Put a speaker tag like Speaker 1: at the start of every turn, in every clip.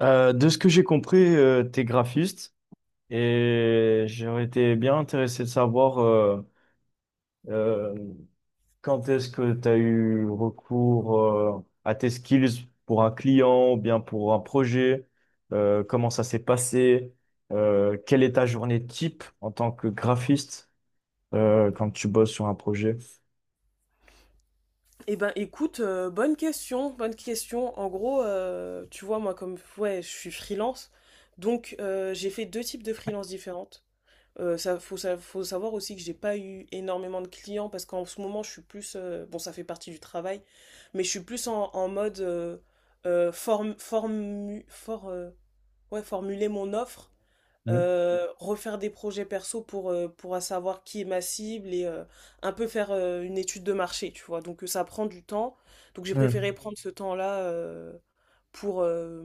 Speaker 1: De ce que j'ai compris, t'es graphiste et j'aurais été bien intéressé de savoir euh, quand est-ce que t'as eu recours à tes skills pour un client ou bien pour un projet, comment ça s'est passé, quelle est ta journée type en tant que graphiste quand tu bosses sur un projet.
Speaker 2: Eh ben écoute, bonne question, bonne question. En gros, tu vois, moi comme ouais, je suis freelance, donc j'ai fait deux types de freelance différentes. Ça, faut savoir aussi que j'ai pas eu énormément de clients parce qu'en ce moment je suis plus, bon ça fait partie du travail, mais je suis plus en mode euh, form- formu- for- euh, ouais, formuler mon offre
Speaker 1: Ouais.
Speaker 2: refaire des projets perso pour savoir qui est ma cible et un peu faire une étude de marché, tu vois. Donc ça prend du temps. Donc j'ai préféré
Speaker 1: Hmm.
Speaker 2: prendre ce temps-là pour, euh,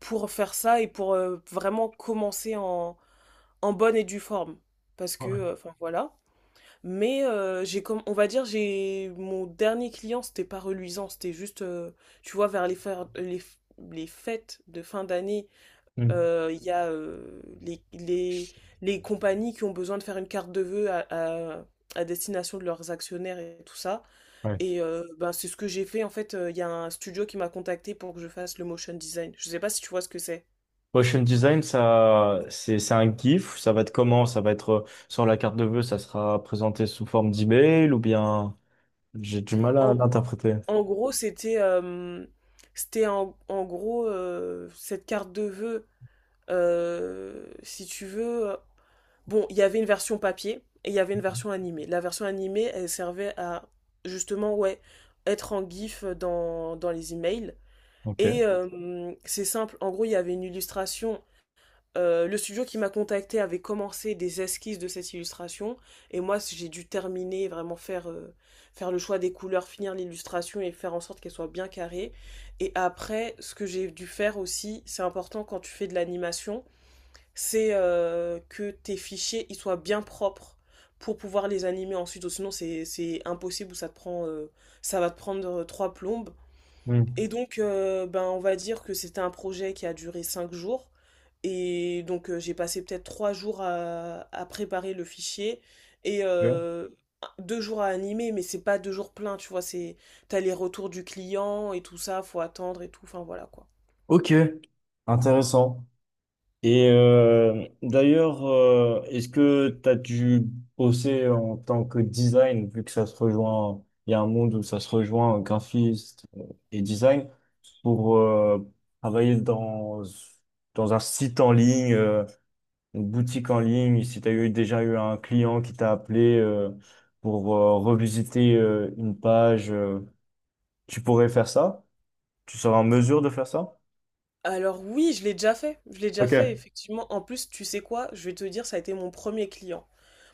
Speaker 2: pour faire ça et pour vraiment commencer en bonne et due forme. Parce que,
Speaker 1: Ouais.
Speaker 2: enfin voilà. Mais j'ai comme, on va dire, j'ai mon dernier client, c'était pas reluisant, c'était juste, tu vois, vers les, fer- les, f- les fêtes de fin d'année
Speaker 1: Hmm.
Speaker 2: il y a les compagnies qui ont besoin de faire une carte de vœux à- à destination de leurs actionnaires et tout ça.
Speaker 1: Ouais.
Speaker 2: Et ben, c'est ce que j'ai fait. En fait, il y a un studio qui m'a contacté pour que je fasse le motion design. Je sais pas si tu vois ce que c'est.
Speaker 1: Motion design, ça, c'est un GIF. Ça va être comment? Ça va être sur la carte de vœux, ça sera présenté sous forme d'email ou bien j'ai du mal
Speaker 2: En,
Speaker 1: à
Speaker 2: gr-
Speaker 1: l'interpréter.
Speaker 2: en gros, c'était c'était en, en gros cette carte de vœux si tu veux. Bon, il y avait une version papier et il y avait une version animée. La version animée, elle servait à justement, ouais, être en GIF dans les emails. Et
Speaker 1: Ok.
Speaker 2: c'est simple, en gros, il y avait une illustration. Le studio qui m'a contacté avait commencé des esquisses de cette illustration et moi j'ai dû terminer, vraiment faire, faire le choix des couleurs, finir l'illustration et faire en sorte qu'elle soit bien carrée. Et après, ce que j'ai dû faire aussi, c'est important quand tu fais de l'animation, c'est que tes fichiers ils soient bien propres pour pouvoir les animer ensuite, sinon c'est impossible ou ça te prend ça va te prendre trois plombes.
Speaker 1: Hmm.
Speaker 2: Et donc ben on va dire que c'était un projet qui a duré cinq jours et donc j'ai passé peut-être trois jours à préparer le fichier et
Speaker 1: Ok,
Speaker 2: deux jours à animer, mais c'est pas deux jours pleins, tu vois, c'est t'as les retours du client et tout ça, faut attendre et tout, enfin voilà quoi.
Speaker 1: ok, intéressant. Et d'ailleurs, est-ce que tu as dû bosser en tant que design, vu que ça se rejoint, il y a un monde où ça se rejoint, graphiste et design, pour travailler dans un site en ligne, une boutique en ligne, si tu as déjà eu un client qui t'a appelé pour revisiter une page, tu pourrais faire ça? Tu seras en mesure de faire ça?
Speaker 2: Alors oui, je l'ai déjà fait. Je l'ai déjà fait,
Speaker 1: Ok.
Speaker 2: effectivement. En plus, tu sais quoi? Je vais te dire, ça a été mon premier client.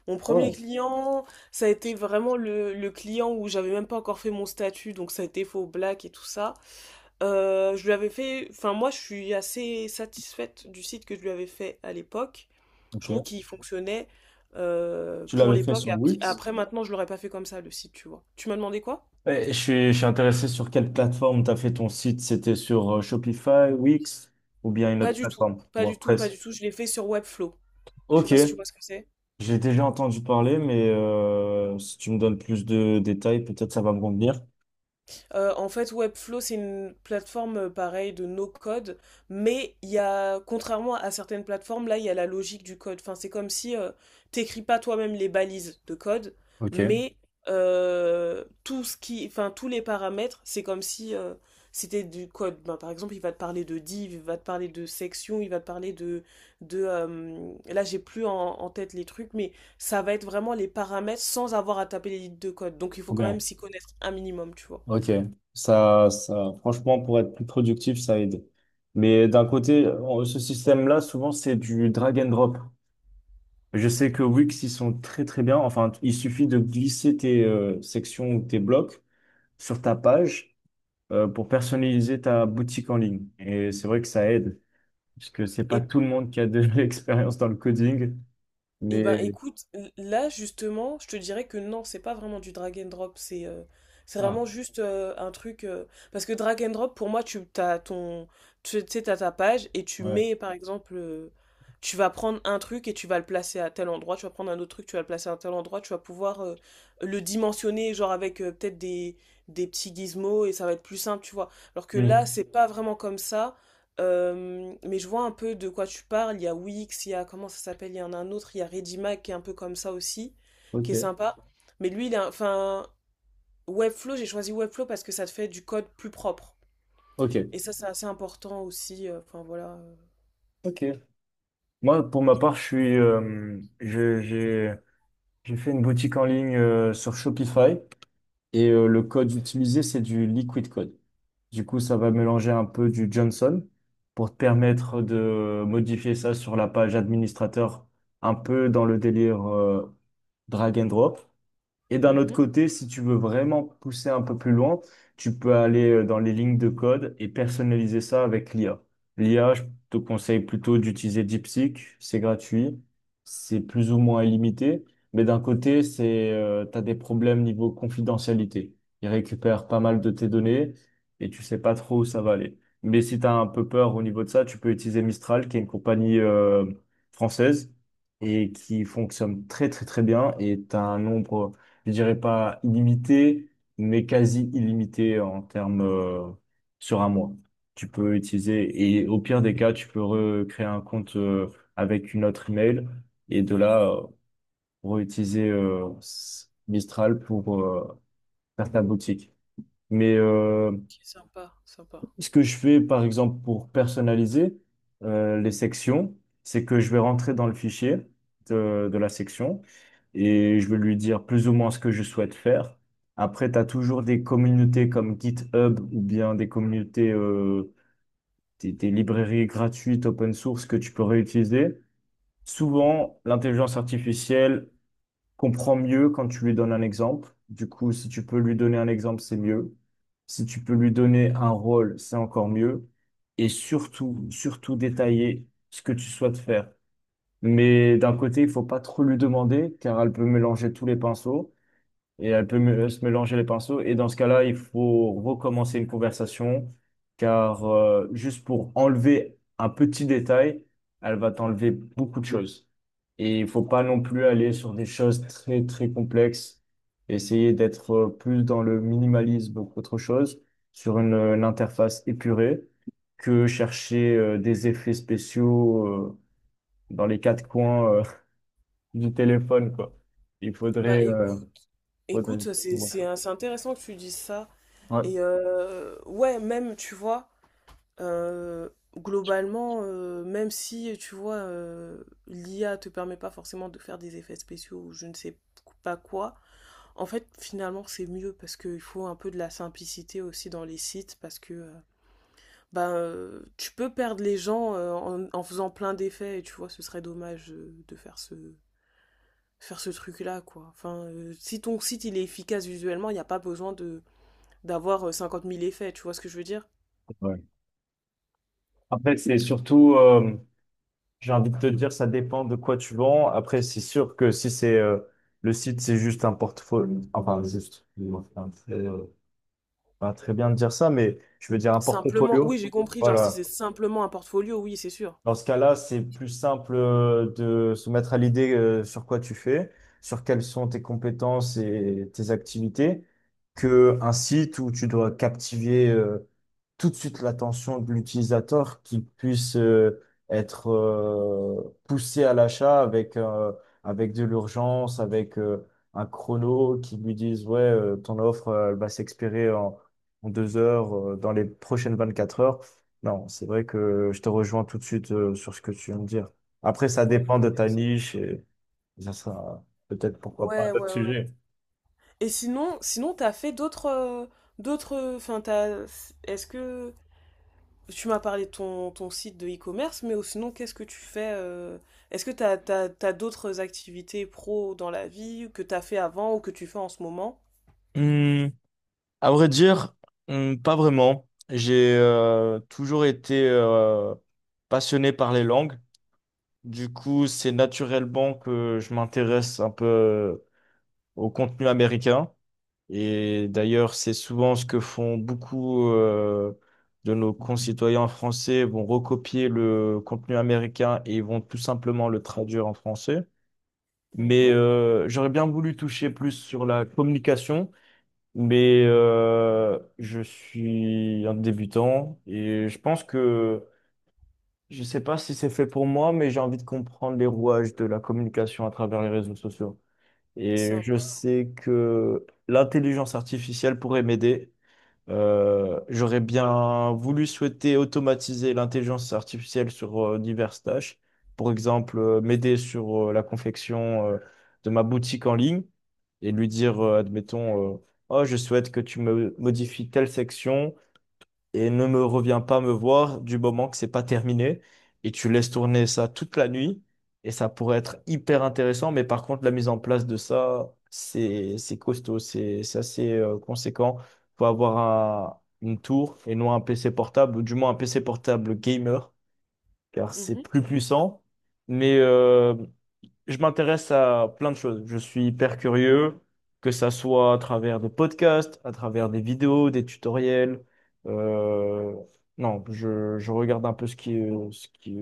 Speaker 2: Mon
Speaker 1: Ah
Speaker 2: premier
Speaker 1: ouais,
Speaker 2: client, ça a été vraiment le client où j'avais même pas encore fait mon statut, donc ça a été faux black et tout ça. Je lui avais fait, enfin moi, je suis assez satisfaite du site que je lui avais fait à l'époque. Je trouve
Speaker 1: ok.
Speaker 2: qu'il fonctionnait
Speaker 1: Tu
Speaker 2: pour
Speaker 1: l'avais fait
Speaker 2: l'époque.
Speaker 1: sur
Speaker 2: Après,
Speaker 1: Wix?
Speaker 2: après, maintenant, je l'aurais pas fait comme ça, le site, tu vois. Tu m'as demandé quoi?
Speaker 1: Ouais, je suis intéressé sur quelle plateforme tu as fait ton site. C'était sur Shopify, Wix ou bien une
Speaker 2: Pas
Speaker 1: autre
Speaker 2: du tout,
Speaker 1: plateforme?
Speaker 2: pas
Speaker 1: WordPress.
Speaker 2: du tout. Je l'ai fait sur Webflow. Je sais
Speaker 1: Ok,
Speaker 2: pas si tu vois ce que c'est.
Speaker 1: j'ai déjà entendu parler, mais si tu me donnes plus de détails, peut-être ça va me convenir.
Speaker 2: En fait, Webflow, c'est une plateforme pareil de no code, mais il y a, contrairement à certaines plateformes, là, il y a la logique du code. Enfin, c'est comme si t'écris pas toi-même les balises de code,
Speaker 1: Ok.
Speaker 2: mais tout ce qui, enfin, tous les paramètres, c'est comme si c'était du code. Ben, par exemple, il va te parler de div, il va te parler de section, il va te parler de, là, j'ai plus en tête les trucs, mais ça va être vraiment les paramètres sans avoir à taper les lignes de code. Donc, il faut
Speaker 1: Trop
Speaker 2: quand même
Speaker 1: bien.
Speaker 2: s'y connaître un minimum, tu vois.
Speaker 1: Ok, franchement, pour être plus productif, ça aide. Mais d'un côté, ce système-là, souvent, c'est du drag and drop. Je sais que Wix, ils sont très, très bien. Enfin, il suffit de glisser tes sections ou tes blocs sur ta page pour personnaliser ta boutique en ligne. Et c'est vrai que ça aide, puisque c'est pas
Speaker 2: Et,
Speaker 1: tout le monde qui a de l'expérience dans le coding.
Speaker 2: et ben
Speaker 1: Mais,
Speaker 2: écoute, là justement, je te dirais que non, c'est pas vraiment du drag and drop, c'est
Speaker 1: ah,
Speaker 2: vraiment juste un truc, parce que drag and drop, pour moi, tu t'as ton, tu tu sais, t'as ta page et tu
Speaker 1: ouais.
Speaker 2: mets par exemple, tu vas prendre un truc et tu vas le placer à tel endroit, tu vas prendre un autre truc, tu vas le placer à tel endroit, tu vas pouvoir le dimensionner, genre avec peut-être des petits gizmos et ça va être plus simple, tu vois. Alors que là,
Speaker 1: Hmm.
Speaker 2: c'est pas vraiment comme ça. Mais je vois un peu de quoi tu parles. Il y a Wix, il y a comment ça s'appelle, il y en a un autre, il y a Redimac qui est un peu comme ça aussi,
Speaker 1: Ok,
Speaker 2: qui est sympa. Mais lui, il a, enfin, Webflow, j'ai choisi Webflow parce que ça te fait du code plus propre.
Speaker 1: ok,
Speaker 2: Et ça, c'est assez important aussi. Enfin voilà.
Speaker 1: ok. Moi, pour ma part, je suis, je, j'ai fait une boutique en ligne sur Shopify et le code utilisé, c'est du Liquid Code. Du coup, ça va mélanger un peu du Johnson pour te permettre de modifier ça sur la page administrateur, un peu dans le délire drag and drop. Et d'un autre
Speaker 2: Mhm.
Speaker 1: côté, si tu veux vraiment pousser un peu plus loin, tu peux aller dans les lignes de code et personnaliser ça avec l'IA. L'IA, je te conseille plutôt d'utiliser DeepSeek, c'est gratuit, c'est plus ou moins illimité, mais d'un côté, tu as des problèmes niveau confidentialité. Il récupère pas mal de tes données et tu sais pas trop où ça va aller. Mais si tu as un peu peur au niveau de ça, tu peux utiliser Mistral, qui est une compagnie française et qui fonctionne très très très bien et tu as un nombre, je dirais pas illimité, mais quasi illimité en termes sur un mois. Tu peux utiliser, et au pire des cas, tu peux recréer un compte avec une autre email, et de là, réutiliser Mistral pour faire ta boutique. Mais
Speaker 2: Ok, sympa, sympa.
Speaker 1: ce que je fais, par exemple, pour personnaliser les sections, c'est que je vais rentrer dans le fichier de la section et je vais lui dire plus ou moins ce que je souhaite faire. Après, tu as toujours des communautés comme GitHub ou bien des communautés, des librairies gratuites open source que tu peux réutiliser. Souvent, l'intelligence artificielle comprend mieux quand tu lui donnes un exemple. Du coup, si tu peux lui donner un exemple, c'est mieux. Si tu peux lui donner un rôle, c'est encore mieux. Et surtout, surtout détailler ce que tu souhaites faire. Mais d'un côté, il faut pas trop lui demander, car elle peut mélanger tous les pinceaux, et elle peut se mélanger les pinceaux. Et dans ce cas-là, il faut recommencer une conversation, car juste pour enlever un petit détail, elle va t'enlever beaucoup de choses. Et il faut pas non plus aller sur des choses très, très complexes. Essayer d'être plus dans le minimalisme qu'autre chose, sur une interface épurée, que chercher des effets spéciaux dans les quatre coins du téléphone, quoi. Il
Speaker 2: Bah
Speaker 1: faudrait...
Speaker 2: éc-
Speaker 1: euh, faudrait-
Speaker 2: écoute,
Speaker 1: Ouais.
Speaker 2: c'est intéressant que tu dises ça. Et ouais, même, tu vois. Euh, globalement, même si, tu vois, l'IA te permet pas forcément de faire des effets spéciaux ou je ne sais pas quoi, en fait, finalement, c'est mieux parce qu'il faut un peu de la simplicité aussi dans les sites parce que tu peux perdre les gens en faisant plein d'effets et tu vois, ce serait dommage de faire ce truc-là, quoi. Enfin, si ton site il est efficace visuellement, il n'y a pas besoin de d'avoir 50 000 effets, tu vois ce que je veux dire?
Speaker 1: Ouais. Après, j'ai envie de te dire, ça dépend de quoi tu vends. Après, c'est sûr que si c'est le site, c'est juste un portfolio, excuse-moi, pas très bien de dire ça, mais je veux dire un
Speaker 2: Simplement, oui,
Speaker 1: portfolio.
Speaker 2: j'ai compris, genre si c'est
Speaker 1: Voilà.
Speaker 2: simplement un portfolio, oui, c'est sûr.
Speaker 1: Dans ce cas-là, c'est plus simple de se mettre à l'idée sur quoi tu fais, sur quelles sont tes compétences et tes activités, que un site où tu dois captiver tout de suite l'attention de l'utilisateur, qu'il puisse être poussé à l'achat avec de l'urgence, avec un chrono qui lui dise ouais, ton offre elle va s'expirer en 2 heures, dans les prochaines 24 heures. Non, c'est vrai que je te rejoins tout de suite sur ce que tu viens de dire. Après, ça
Speaker 2: Ouais,
Speaker 1: dépend de ta
Speaker 2: Ça-
Speaker 1: niche et ça sera peut-être pourquoi pas un autre
Speaker 2: ouais.
Speaker 1: sujet.
Speaker 2: Et sinon, t'as fait d'autres, d'autres, enfin, t'as, est-ce que tu m'as parlé de ton, ton site de e-commerce, mais sinon, qu'est-ce que tu fais est-ce que t'as d'autres activités pro dans la vie ou que t'as fait avant ou que tu fais en ce moment?
Speaker 1: Hmm, à vrai dire, hmm, pas vraiment. J'ai toujours été passionné par les langues. Du coup, c'est naturellement que je m'intéresse un peu au contenu américain. Et d'ailleurs, c'est souvent ce que font beaucoup de nos concitoyens français. Ils vont recopier le contenu américain et ils vont tout simplement le traduire en français. Mais
Speaker 2: Mhm,
Speaker 1: j'aurais bien voulu toucher plus sur la communication, mais je suis un débutant et je pense que je ne sais pas si c'est fait pour moi, mais j'ai envie de comprendre les rouages de la communication à travers les réseaux sociaux. Et je
Speaker 2: sympa.
Speaker 1: sais que l'intelligence artificielle pourrait m'aider j'aurais bien voulu souhaiter automatiser l'intelligence artificielle sur diverses tâches. Par exemple, m'aider sur la confection de ma boutique en ligne et lui dire, admettons, oh, je souhaite que tu me modifies telle section et ne me reviens pas me voir du moment que c'est pas terminé. Et tu laisses tourner ça toute la nuit et ça pourrait être hyper intéressant. Mais par contre, la mise en place de ça, c'est costaud, c'est assez conséquent. Faut avoir un- une tour et non un PC portable, ou du moins un PC portable gamer, car c'est
Speaker 2: Mhm,
Speaker 1: plus puissant. Mais je m'intéresse à plein de choses. Je suis hyper curieux, que ça soit à travers des podcasts, à travers des vidéos, des tutoriels. Euh, non, je regarde un peu ce qui,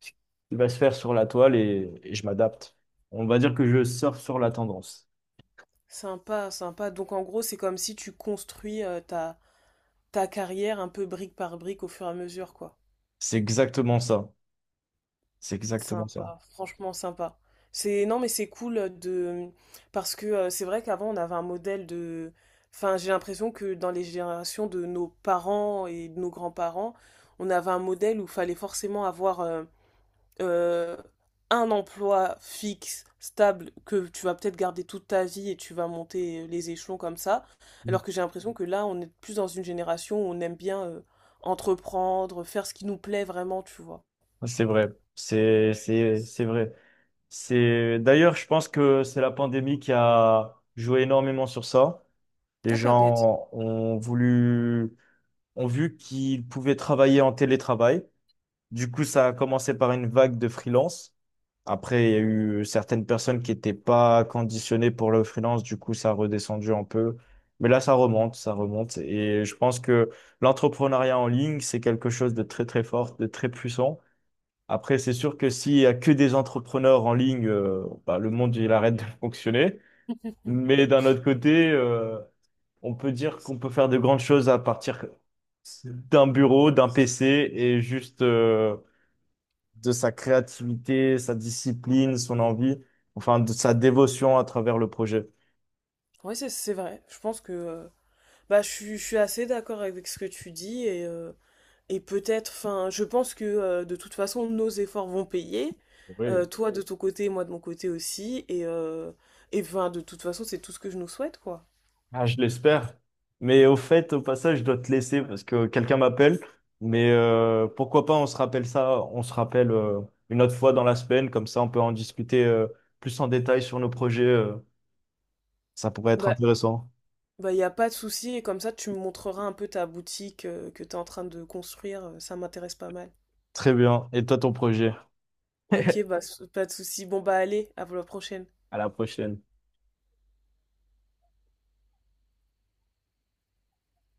Speaker 1: ce qui va se faire sur la toile et je m'adapte. On va dire que je surfe sur la tendance.
Speaker 2: sympa, sympa. Donc en gros, c'est comme si tu construis ta carrière un peu brique par brique au fur et à mesure, quoi.
Speaker 1: C'est exactement ça. C'est exactement ça.
Speaker 2: Sympa, franchement sympa. C'est non mais c'est cool de parce que c'est vrai qu'avant on avait un modèle de enfin j'ai l'impression que dans les générations de nos parents et de nos grands-parents, on avait un modèle où il fallait forcément avoir euh, un emploi fixe, stable, que tu vas peut-être garder toute ta vie et tu vas monter les échelons comme ça. Alors que j'ai l'impression que là, on est plus dans une génération où on aime bien entreprendre, faire ce qui nous plaît vraiment, tu vois.
Speaker 1: C'est vrai. C'est vrai. C'est d'ailleurs, je pense que c'est la pandémie qui a joué énormément sur ça. Les
Speaker 2: Ah, pas bête.
Speaker 1: gens ont voulu, ont vu qu'ils pouvaient travailler en télétravail. Du coup, ça a commencé par une vague de freelance. Après, il y a eu certaines personnes qui n'étaient pas conditionnées pour le freelance. Du coup, ça a redescendu un peu. Mais là, ça remonte. Et je pense que l'entrepreneuriat en ligne, c'est quelque chose de très, très fort, de très puissant. Après, c'est sûr que s'il y a que des entrepreneurs en ligne, bah, le monde, il arrête de fonctionner. Mais d'un autre côté, on peut dire qu'on peut faire de grandes choses à partir d'un bureau, d'un PC et juste de sa créativité, sa discipline, son envie, enfin de sa dévotion à travers le projet.
Speaker 2: Oui, c'est vrai. Je pense que suis je suis assez d'accord avec ce que tu dis, et je pense que de toute façon, nos efforts vont payer.
Speaker 1: Oui.
Speaker 2: Toi de ton côté, moi de mon côté aussi. Et, 'fin, de toute façon, c'est tout ce que je nous souhaite, quoi.
Speaker 1: Ah, je l'espère. Mais au fait, au passage, je dois te laisser parce que quelqu'un m'appelle. Mais pourquoi pas, on se rappelle une autre fois dans la semaine, comme ça on peut en discuter plus en détail sur nos projets. Ça pourrait être
Speaker 2: Bah,
Speaker 1: intéressant.
Speaker 2: y a pas de souci, et comme ça, tu me montreras un peu ta boutique que tu es en train de construire, ça m'intéresse pas mal.
Speaker 1: Très bien. Et toi, ton projet?
Speaker 2: Ok, pas de souci. Bon, bah, allez, à la prochaine.
Speaker 1: À la prochaine.